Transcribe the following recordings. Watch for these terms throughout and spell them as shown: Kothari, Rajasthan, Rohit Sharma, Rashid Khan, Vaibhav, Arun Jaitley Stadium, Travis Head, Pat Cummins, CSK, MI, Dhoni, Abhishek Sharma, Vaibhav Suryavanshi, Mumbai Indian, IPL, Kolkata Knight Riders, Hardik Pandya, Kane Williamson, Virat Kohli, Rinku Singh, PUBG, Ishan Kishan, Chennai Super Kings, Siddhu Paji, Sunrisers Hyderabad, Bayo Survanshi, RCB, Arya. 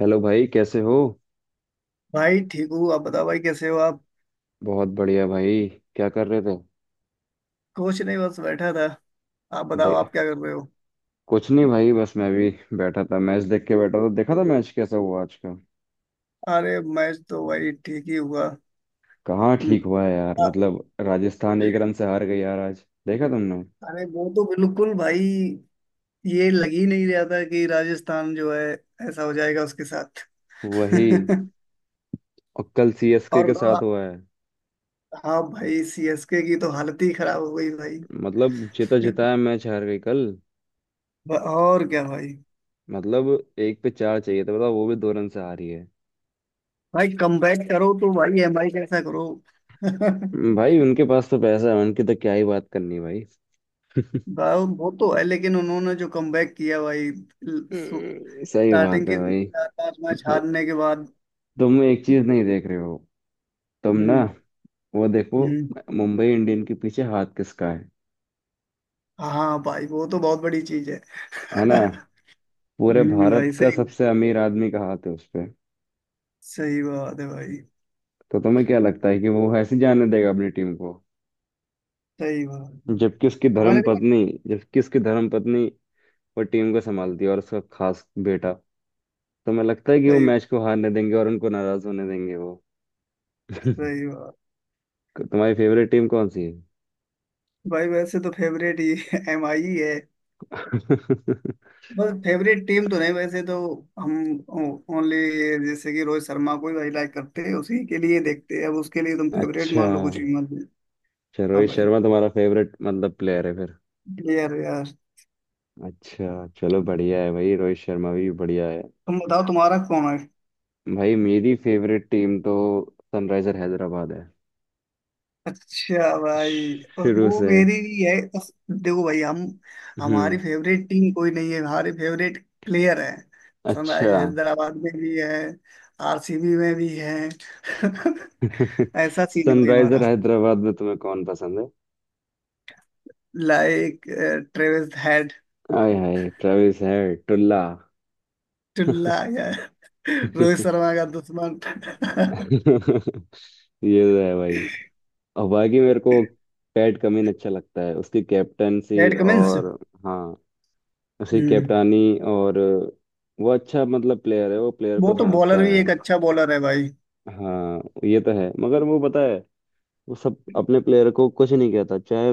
Hello भाई, कैसे हो। भाई ठीक हूँ। आप बताओ भाई कैसे हो आप? बहुत बढ़िया भाई। क्या कर रहे थे। कुछ नहीं, बस बैठा था। आप बताओ दे, आप क्या कर रहे हो? कुछ नहीं भाई, बस मैं भी बैठा था। मैच देख के बैठा था, देखा था मैच। कैसा हुआ आज का। अरे मैं तो भाई ठीक ही हुआ। कहाँ हम्म, ठीक हुआ है यार, अ- मतलब राजस्थान 1 रन से हार गई यार, आज देखा तुमने। अरे वो तो बिल्कुल भाई। ये लग ही नहीं रहा था कि राजस्थान जो है ऐसा हो जाएगा उसके साथ। वही। और कल सीएसके और के बताओ साथ आप। हुआ है, हाँ भाई, सीएसके की तो हालत ही खराब हो गई भाई। मतलब जीता जिताया मैच हार गई कल। और क्या भाई। मतलब एक पे चार चाहिए था, बताओ वो भी 2 रन से हारी है। भाई कमबैक करो तो भाई एमआई कैसा करो। भाई उनके पास तो पैसा है, उनकी तो क्या ही बात करनी भाई। भाई वो तो है, लेकिन उन्होंने जो कमबैक किया भाई सही स्टार्टिंग बात है के भाई। चार पांच मैच हारने के बाद। तुम एक चीज नहीं देख रहे हो, तुम ना, हम्म। वो देखो। हम्म। मुंबई इंडियन के पीछे हाथ किसका है। हाँ भाई, वो तो बहुत बड़ी चीज है। है ना। पूरे हम्म, भारत भाई का सही। सबसे अमीर आदमी का हाथ है उस पे। सही बात है भाई। तो तुम्हें क्या लगता है कि वो ऐसे जाने देगा अपनी टीम को। सही बात है। जबकि उसकी हमारे धर्म लिए। पत्नी जबकि उसकी धर्म पत्नी वो टीम को संभालती है और उसका खास बेटा। तुम्हें लगता है कि वो सही, मैच को हारने देंगे और उनको नाराज होने देंगे वो। सही बात। तुम्हारी फेवरेट टीम कौन सी है। भाई वैसे तो फेवरेट ही एम आई ही है। बस फेवरेट टीम तो नहीं वैसे तो। हम ओनली, जैसे कि रोहित शर्मा को ही भाई लाइक करते हैं उसी के लिए देखते हैं, अब उसके लिए तुम फेवरेट अच्छा, मान लो कुछ भी मान लो। चलो हाँ रोहित भाई, शर्मा तुम्हारा फेवरेट मतलब प्लेयर है। यार यार। अच्छा चलो, बढ़िया है भाई, रोहित शर्मा भी बढ़िया है। तुम बताओ तुम्हारा कौन है? भाई मेरी फेवरेट टीम तो सनराइजर हैदराबाद है, अच्छा भाई। और शुरू वो से। मेरी भी है, बस देखो भाई हम। हमारी हम्म। फेवरेट टीम कोई नहीं है, हमारे फेवरेट प्लेयर है। सनराइज अच्छा। हैदराबाद में भी है, आरसीबी में भी है। ऐसा सीन है भाई सनराइजर हमारा। हैदराबाद में तुम्हें कौन पसंद है। Like Travis Head. आय हाय ट्रेविस हेड टुल्ला। टुल्ला यार। रोहित शर्मा का दुश्मन। ये तो है भाई। और बाकी मेरे को पैट कमिन अच्छा लगता है, उसकी कैप्टनसी। Pat Cummins. और हाँ, उसकी हम्म। कैप्टानी। और वो अच्छा मतलब प्लेयर है, वो प्लेयर वो को तो समझता बॉलर भी है। एक अच्छा बॉलर है भाई। हाँ, ये तो है मगर वो पता है, वो सब अपने प्लेयर को कुछ नहीं कहता, चाहे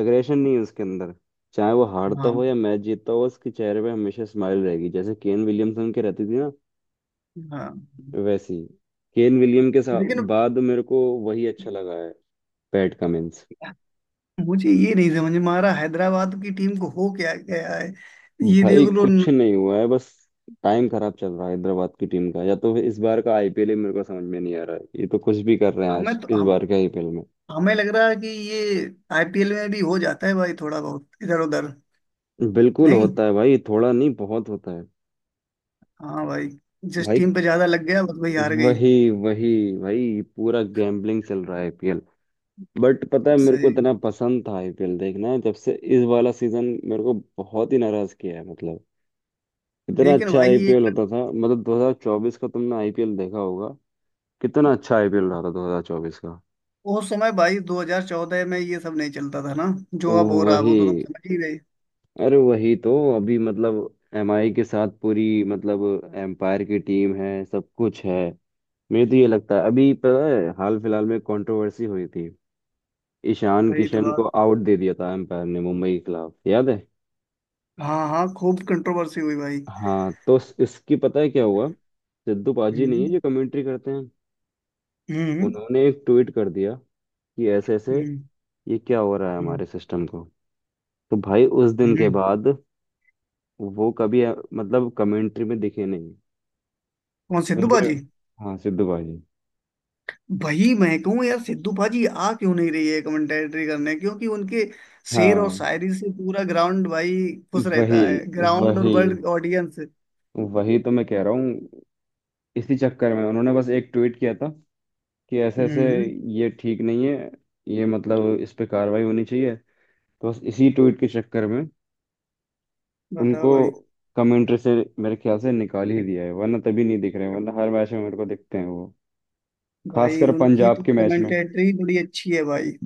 एग्रेशन नहीं है उसके अंदर, चाहे वो हारता हाँ हो या मैच जीतता हो, उसके चेहरे पे हमेशा स्माइल रहेगी जैसे केन विलियमसन की रहती थी ना। हाँ। वैसी। केन विलियम के साथ लेकिन बाद मेरे को वही अच्छा लगा है, पैट कमिंस। मुझे ये नहीं समझ में आ रहा हैदराबाद की टीम को हो क्या गया है। ये भाई देख लो कुछ नहीं हुआ है, बस टाइम खराब चल रहा है हैदराबाद की टीम का, या तो फिर इस बार का आईपीएल ही मेरे को समझ में नहीं आ रहा है, ये तो कुछ भी कर रहे हैं हमें आज तो इस हम बार के आईपीएल में। हमें लग रहा है कि ये आईपीएल में भी हो जाता है भाई, थोड़ा बहुत इधर उधर। बिल्कुल नहीं। होता है भाई, थोड़ा नहीं बहुत होता है हाँ भाई, जिस भाई। टीम पे ज्यादा लग गया बस वही हार गई। वही वही। भाई पूरा गैम्बलिंग चल रहा है आईपीएल। बट पता है मेरे को सही। इतना पसंद था आईपीएल देखना, जब से इस वाला सीजन मेरे को बहुत ही नाराज किया है, मतलब इतना लेकिन अच्छा भाई ये आईपीएल होता था, मतलब 2024 का तुमने आईपीएल देखा होगा, कितना अच्छा आईपीएल रहा था 2024 का। उस समय भाई 2014 में ये सब नहीं चलता था ना, जो अब हो रहा है वो तो तुम वही। समझ ही गए। अरे वही तो अभी मतलब एमआई के साथ पूरी, मतलब एम्पायर की टीम है, सब कुछ है। मुझे तो ये लगता है, अभी पता है हाल फिलहाल में कंट्रोवर्सी हुई थी, ईशान वही तो किशन को बात। आउट दे दिया था एम्पायर ने मुंबई के खिलाफ, याद है। हाँ हाँ, खूब कंट्रोवर्सी हुई भाई। हाँ तो इसकी पता है क्या हुआ, सिद्धू पाजी नहीं है हम्म। जो कमेंट्री करते हैं, हम्म। उन्होंने एक ट्वीट कर दिया कि ऐसे ऐसे हम्म। ये क्या हो रहा है हम्म। हमारे सिस्टम को। तो भाई उस दिन के हम्म। बाद वो कभी मतलब कमेंट्री में दिखे नहीं, कौन सिद्धू समझ रहे बाजी? हो। हाँ सिद्धू पाजी। वही मैं कहूँ यार, सिद्धू पाजी आ क्यों नहीं रही है कमेंटेटरी करने, क्योंकि उनके शेर और हाँ। शायरी से पूरा ग्राउंड भाई खुश वही रहता है, ग्राउंड और वही। World audience. वही तो मैं कह रहा हूँ, इसी चक्कर में उन्होंने बस एक ट्वीट किया था कि ऐसे ऐसे हम्म। ये ठीक नहीं है, ये मतलब इस पे कार्रवाई होनी चाहिए। तो बस इसी ट्वीट के चक्कर में उनको बताओ भाई। कमेंट्री से मेरे ख्याल से निकाल ही दिया है, वरना तभी नहीं दिख रहे हैं, वरना हर मैच में मेरे को दिखते हैं वो, भाई खासकर उनकी पंजाब तो के मैच में। कमेंटेटरी बड़ी अच्छी है भाई।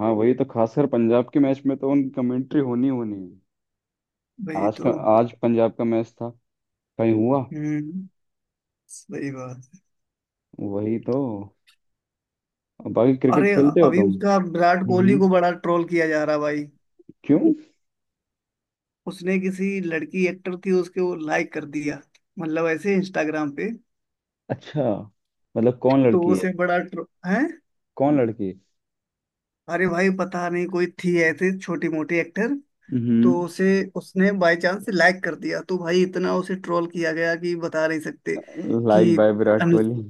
हाँ वही तो, खासकर पंजाब के मैच में तो उनकी कमेंट्री होनी होनी है। भाई आज तो। का, आज पंजाब का मैच था कहीं हुआ। हम्म। सही बात। वही तो। बाकी क्रिकेट अरे, खेलते हो अभी तुम। उसका विराट कोहली हम्म। को बड़ा ट्रोल किया जा रहा भाई। क्यों। उसने किसी लड़की एक्टर थी उसके वो लाइक कर दिया, मतलब ऐसे इंस्टाग्राम पे। अच्छा, मतलब कौन तो लड़की है। उसे बड़ा ट्रो है। कौन लड़की है? अरे भाई, पता नहीं कोई थी ऐसे छोटी मोटी एक्टर। तो हम्म। उसे उसने बाय चांस लाइक कर दिया, तो भाई इतना उसे ट्रोल किया गया कि बता नहीं सकते। कि लाइक बाय विराट अनु- कोहली।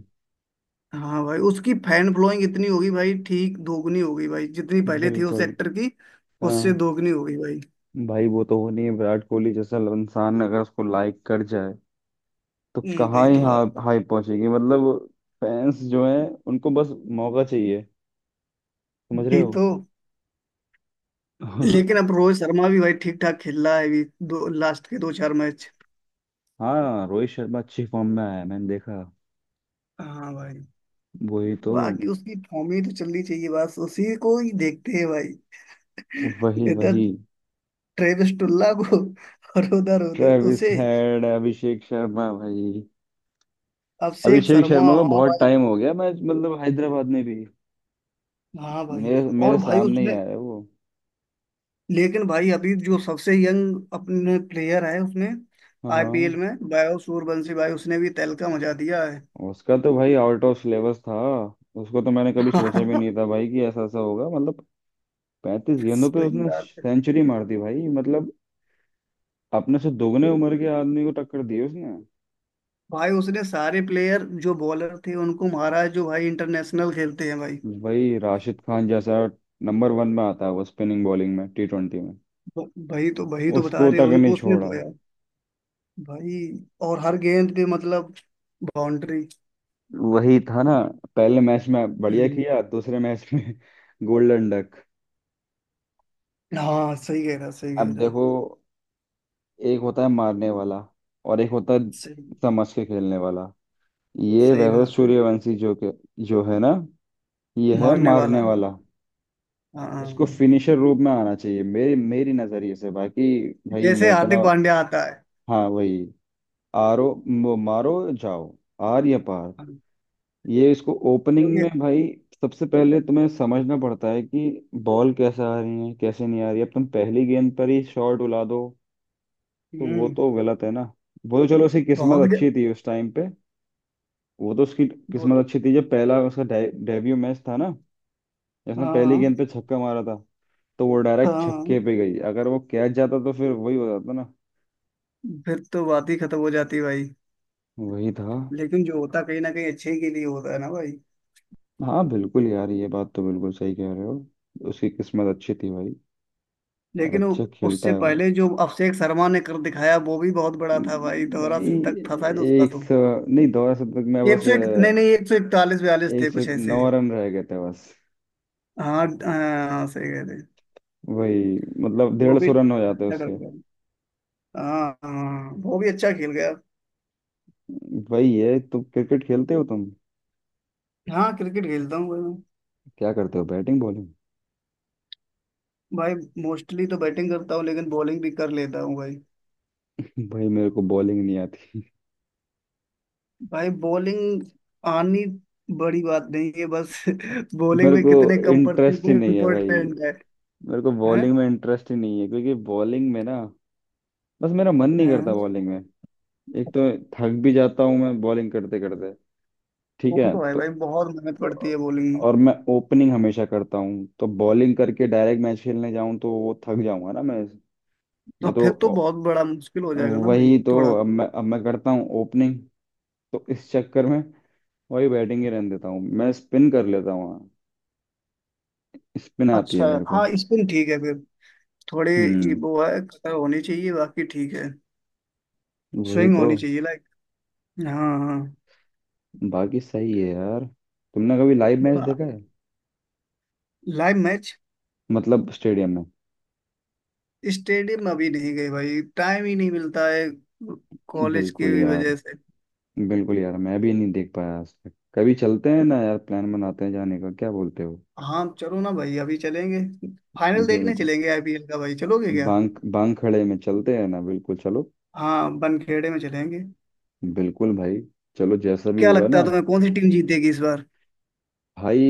हाँ भाई, उसकी फैन फॉलोइंग इतनी होगी भाई, ठीक दोगुनी होगी भाई जितनी पहले थी उस बिल्कुल, एक्टर की। हाँ उससे दोगुनी होगी भाई। भाई। वो तो हो नहीं है, विराट कोहली जैसा इंसान अगर उसको लाइक कर जाए, तो कहाँ भाई ही दुआ। हाई पहुंचेगी मतलब। फैंस जो है उनको बस मौका चाहिए, समझ रहे भाई हो। तो। लेकिन अब रोहित शर्मा भी भाई ठीक ठाक खेल रहा है अभी, दो लास्ट के दो चार मैच। हाँ रोहित शर्मा अच्छी फॉर्म में आया है, मैंने देखा। हाँ भाई। वही तो। बाकी उसकी फॉर्म ही तो चलनी चाहिए, बस उसी को ही देखते हैं भाई। वही इतना वही। ट्रेविस टुल्ला को, और उधर उधर ट्रेविस उसे। हेड अभिषेक शर्मा भाई। अभिषेक अभिषेक शर्मा, शर्मा को हाँ बहुत भाई। टाइम हो गया मैच मतलब हैदराबाद में भी। हाँ भाई। मेरे और मेरे भाई सामने ही उसमें, आया है वो। लेकिन भाई अभी जो सबसे यंग अपने प्लेयर है उसमें आईपीएल हाँ, में, बायो सूरवंशी भाई उसने भी तहलका मचा दिया है। उसका तो भाई आउट ऑफ सिलेबस था, उसको तो मैंने कभी सोचा भी नहीं था भाई कि ऐसा ऐसा होगा, मतलब 35 गेंदों पे वही उसने बात है। सेंचुरी मार दी भाई, मतलब अपने से दोगुने उम्र के आदमी को टक्कर दी उसने। भाई उसने सारे प्लेयर जो बॉलर थे उनको मारा है, जो भाई इंटरनेशनल खेलते हैं भाई। भाई राशिद खान जैसा नंबर वन में आता है वो स्पिनिंग बॉलिंग में T20 में, भाई तो बता उसको रहे हैं, तक नहीं उनको उसने छोड़ा। धोया भाई। और हर गेंद पे मतलब बाउंड्री। वही था ना, पहले मैच में बढ़िया किया, दूसरे मैच में गोल्डन डक। हाँ, सही कह रहा, सही कह अब रहा। देखो, एक होता है मारने वाला, और एक होता है सही, समझ के खेलने वाला। ये सही वैभव बात है। सूर्यवंशी जो के जो है ना, ये है मारने वाला मारने है। वाला, हाँ हाँ। इसको हाँ। फिनिशर रूप में आना चाहिए मेरी मेरी नजरिए से। बाकी भाई मैं जैसे इतना। हार्दिक पांड्या आता है। हाँ वही। मारो, जाओ, आर या पार। ये इसको ओपनिंग क्योंकि। में भाई, सबसे पहले तुम्हें समझना पड़ता है कि बॉल कैसे आ रही है कैसे नहीं आ रही है, अब तुम पहली गेंद पर ही शॉट उला दो तो वो हम्म। तो गलत है ना। वो तो चलो उसकी बहुत किस्मत ग- अच्छी थी उस टाइम पे, वो तो उसकी बहुत। किस्मत अच्छी थी जब पहला उसका डेब्यू मैच था ना, जिसने पहली हाँ गेंद पे छक्का मारा था, तो वो हाँ। डायरेक्ट छक्के हाँ। पे गई, अगर वो कैच जाता तो फिर वही हो जाता ना। फिर तो बात ही खत्म हो जाती भाई। वही था। लेकिन जो होता कहीं ना कहीं अच्छे के लिए होता है ना भाई। हाँ बिल्कुल यार, ये बात तो बिल्कुल सही कह रहे हो। उसकी किस्मत अच्छी थी भाई। और लेकिन वो अच्छा खेलता उससे है वो पहले जो अभिषेक शर्मा ने कर दिखाया वो भी बहुत बड़ा था भाई, दोहरा भाई। शतक था शायद उसका एक तो। सौ नहीं, 200 तक में एक बस सौ एक नहीं नहीं, 141 42 एक थे सौ कुछ ऐसे। नौ रन रह गए थे बस। हाँ हाँ, सही कह रहे। वही, मतलब वो डेढ़ भी सौ रन हो जाते अच्छा कर उसके। गया। हाँ हाँ, वो भी अच्छा खेल गया। वही है। तुम क्रिकेट खेलते हो तुम। हाँ क्रिकेट खेलता हूँ भाई मैं। क्या करते हो, बैटिंग बॉलिंग। भाई मोस्टली तो बैटिंग करता हूँ, लेकिन बॉलिंग भी कर लेता हूँ भाई। भाई मेरे को बॉलिंग नहीं आती, भाई बॉलिंग आनी बड़ी बात नहीं है बस बॉलिंग मेरे में को कितने कम पड़ती है इंटरेस्ट ही वो नहीं है भाई, इम्पोर्टेंट है। मेरे को हैं। बॉलिंग में इंटरेस्ट ही नहीं है, क्योंकि बॉलिंग में ना बस मेरा मन नहीं करता हैं। बॉलिंग में। एक तो थक भी जाता हूँ मैं बॉलिंग करते करते। ठीक वो है तो है भाई, तो, बहुत मेहनत पड़ती है बॉलिंग में। और मैं ओपनिंग हमेशा करता हूँ, तो बॉलिंग करके डायरेक्ट मैच खेलने जाऊँ तो वो थक जाऊंगा ना मैं। या तो तो फिर तो बहुत बड़ा मुश्किल हो जाएगा ना भाई, वही तो, थोड़ा। अब मैं करता हूँ ओपनिंग, तो इस चक्कर में वही बैटिंग ही रहने देता हूँ, मैं स्पिन कर लेता हूँ, हाँ स्पिन आती है अच्छा है, मेरे को। हाँ स्पिन ठीक है फिर, थोड़े। ये हम्म। वो है कटर होनी चाहिए बाकी ठीक है। वही स्विंग तो। होनी चाहिए लाइक। हाँ हाँ। बाकी सही है यार। तुमने कभी लाइव मैच देखा है। Live match? मतलब स्टेडियम में। स्टेडियम अभी नहीं गए भाई, टाइम ही नहीं मिलता है कॉलेज बिल्कुल की यार। वजह से। बिल्कुल यार, मैं भी नहीं देख पाया आज तक, कभी चलते हैं ना यार, प्लान बनाते हैं जाने का, क्या बोलते हो। हाँ चलो ना भाई, अभी चलेंगे, फाइनल देखने बिल्कुल, चलेंगे आईपीएल का। भाई चलोगे क्या? बांग बांग खड़े में चलते हैं ना, बिल्कुल चलो। हाँ बनखेड़े में चलेंगे। बिल्कुल भाई, चलो जैसा भी क्या होगा लगता है ना। तुम्हें कौन सी टीम जीत देगी इस बार? भाई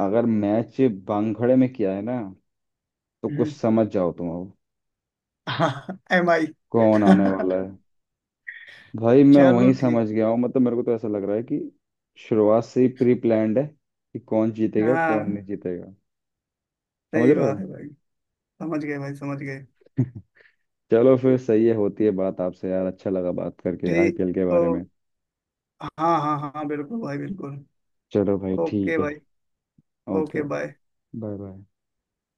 अगर मैच बांखड़े में किया है ना, तो कुछ हम्म। समझ जाओ तुम अब हाँ, एम आई। कौन आने वाला है। भाई मैं चलो वही ठीक। समझ गया हूँ, मतलब मेरे को तो ऐसा लग रहा है कि शुरुआत से ही प्री प्लान्ड है कि कौन जीतेगा कौन हाँ नहीं जीतेगा, समझ सही रहे हो। बात है भाई। समझ गए भाई, समझ गए। चलो फिर सही है, होती है बात आपसे यार, अच्छा लगा बात करके ठीक। आईपीएल के तो बारे में। हाँ। हाँ हाँ बिल्कुल भाई बिल्कुल। चलो भाई, ओके ठीक है। भाई। Okay okay okay. Bye. Bye bye.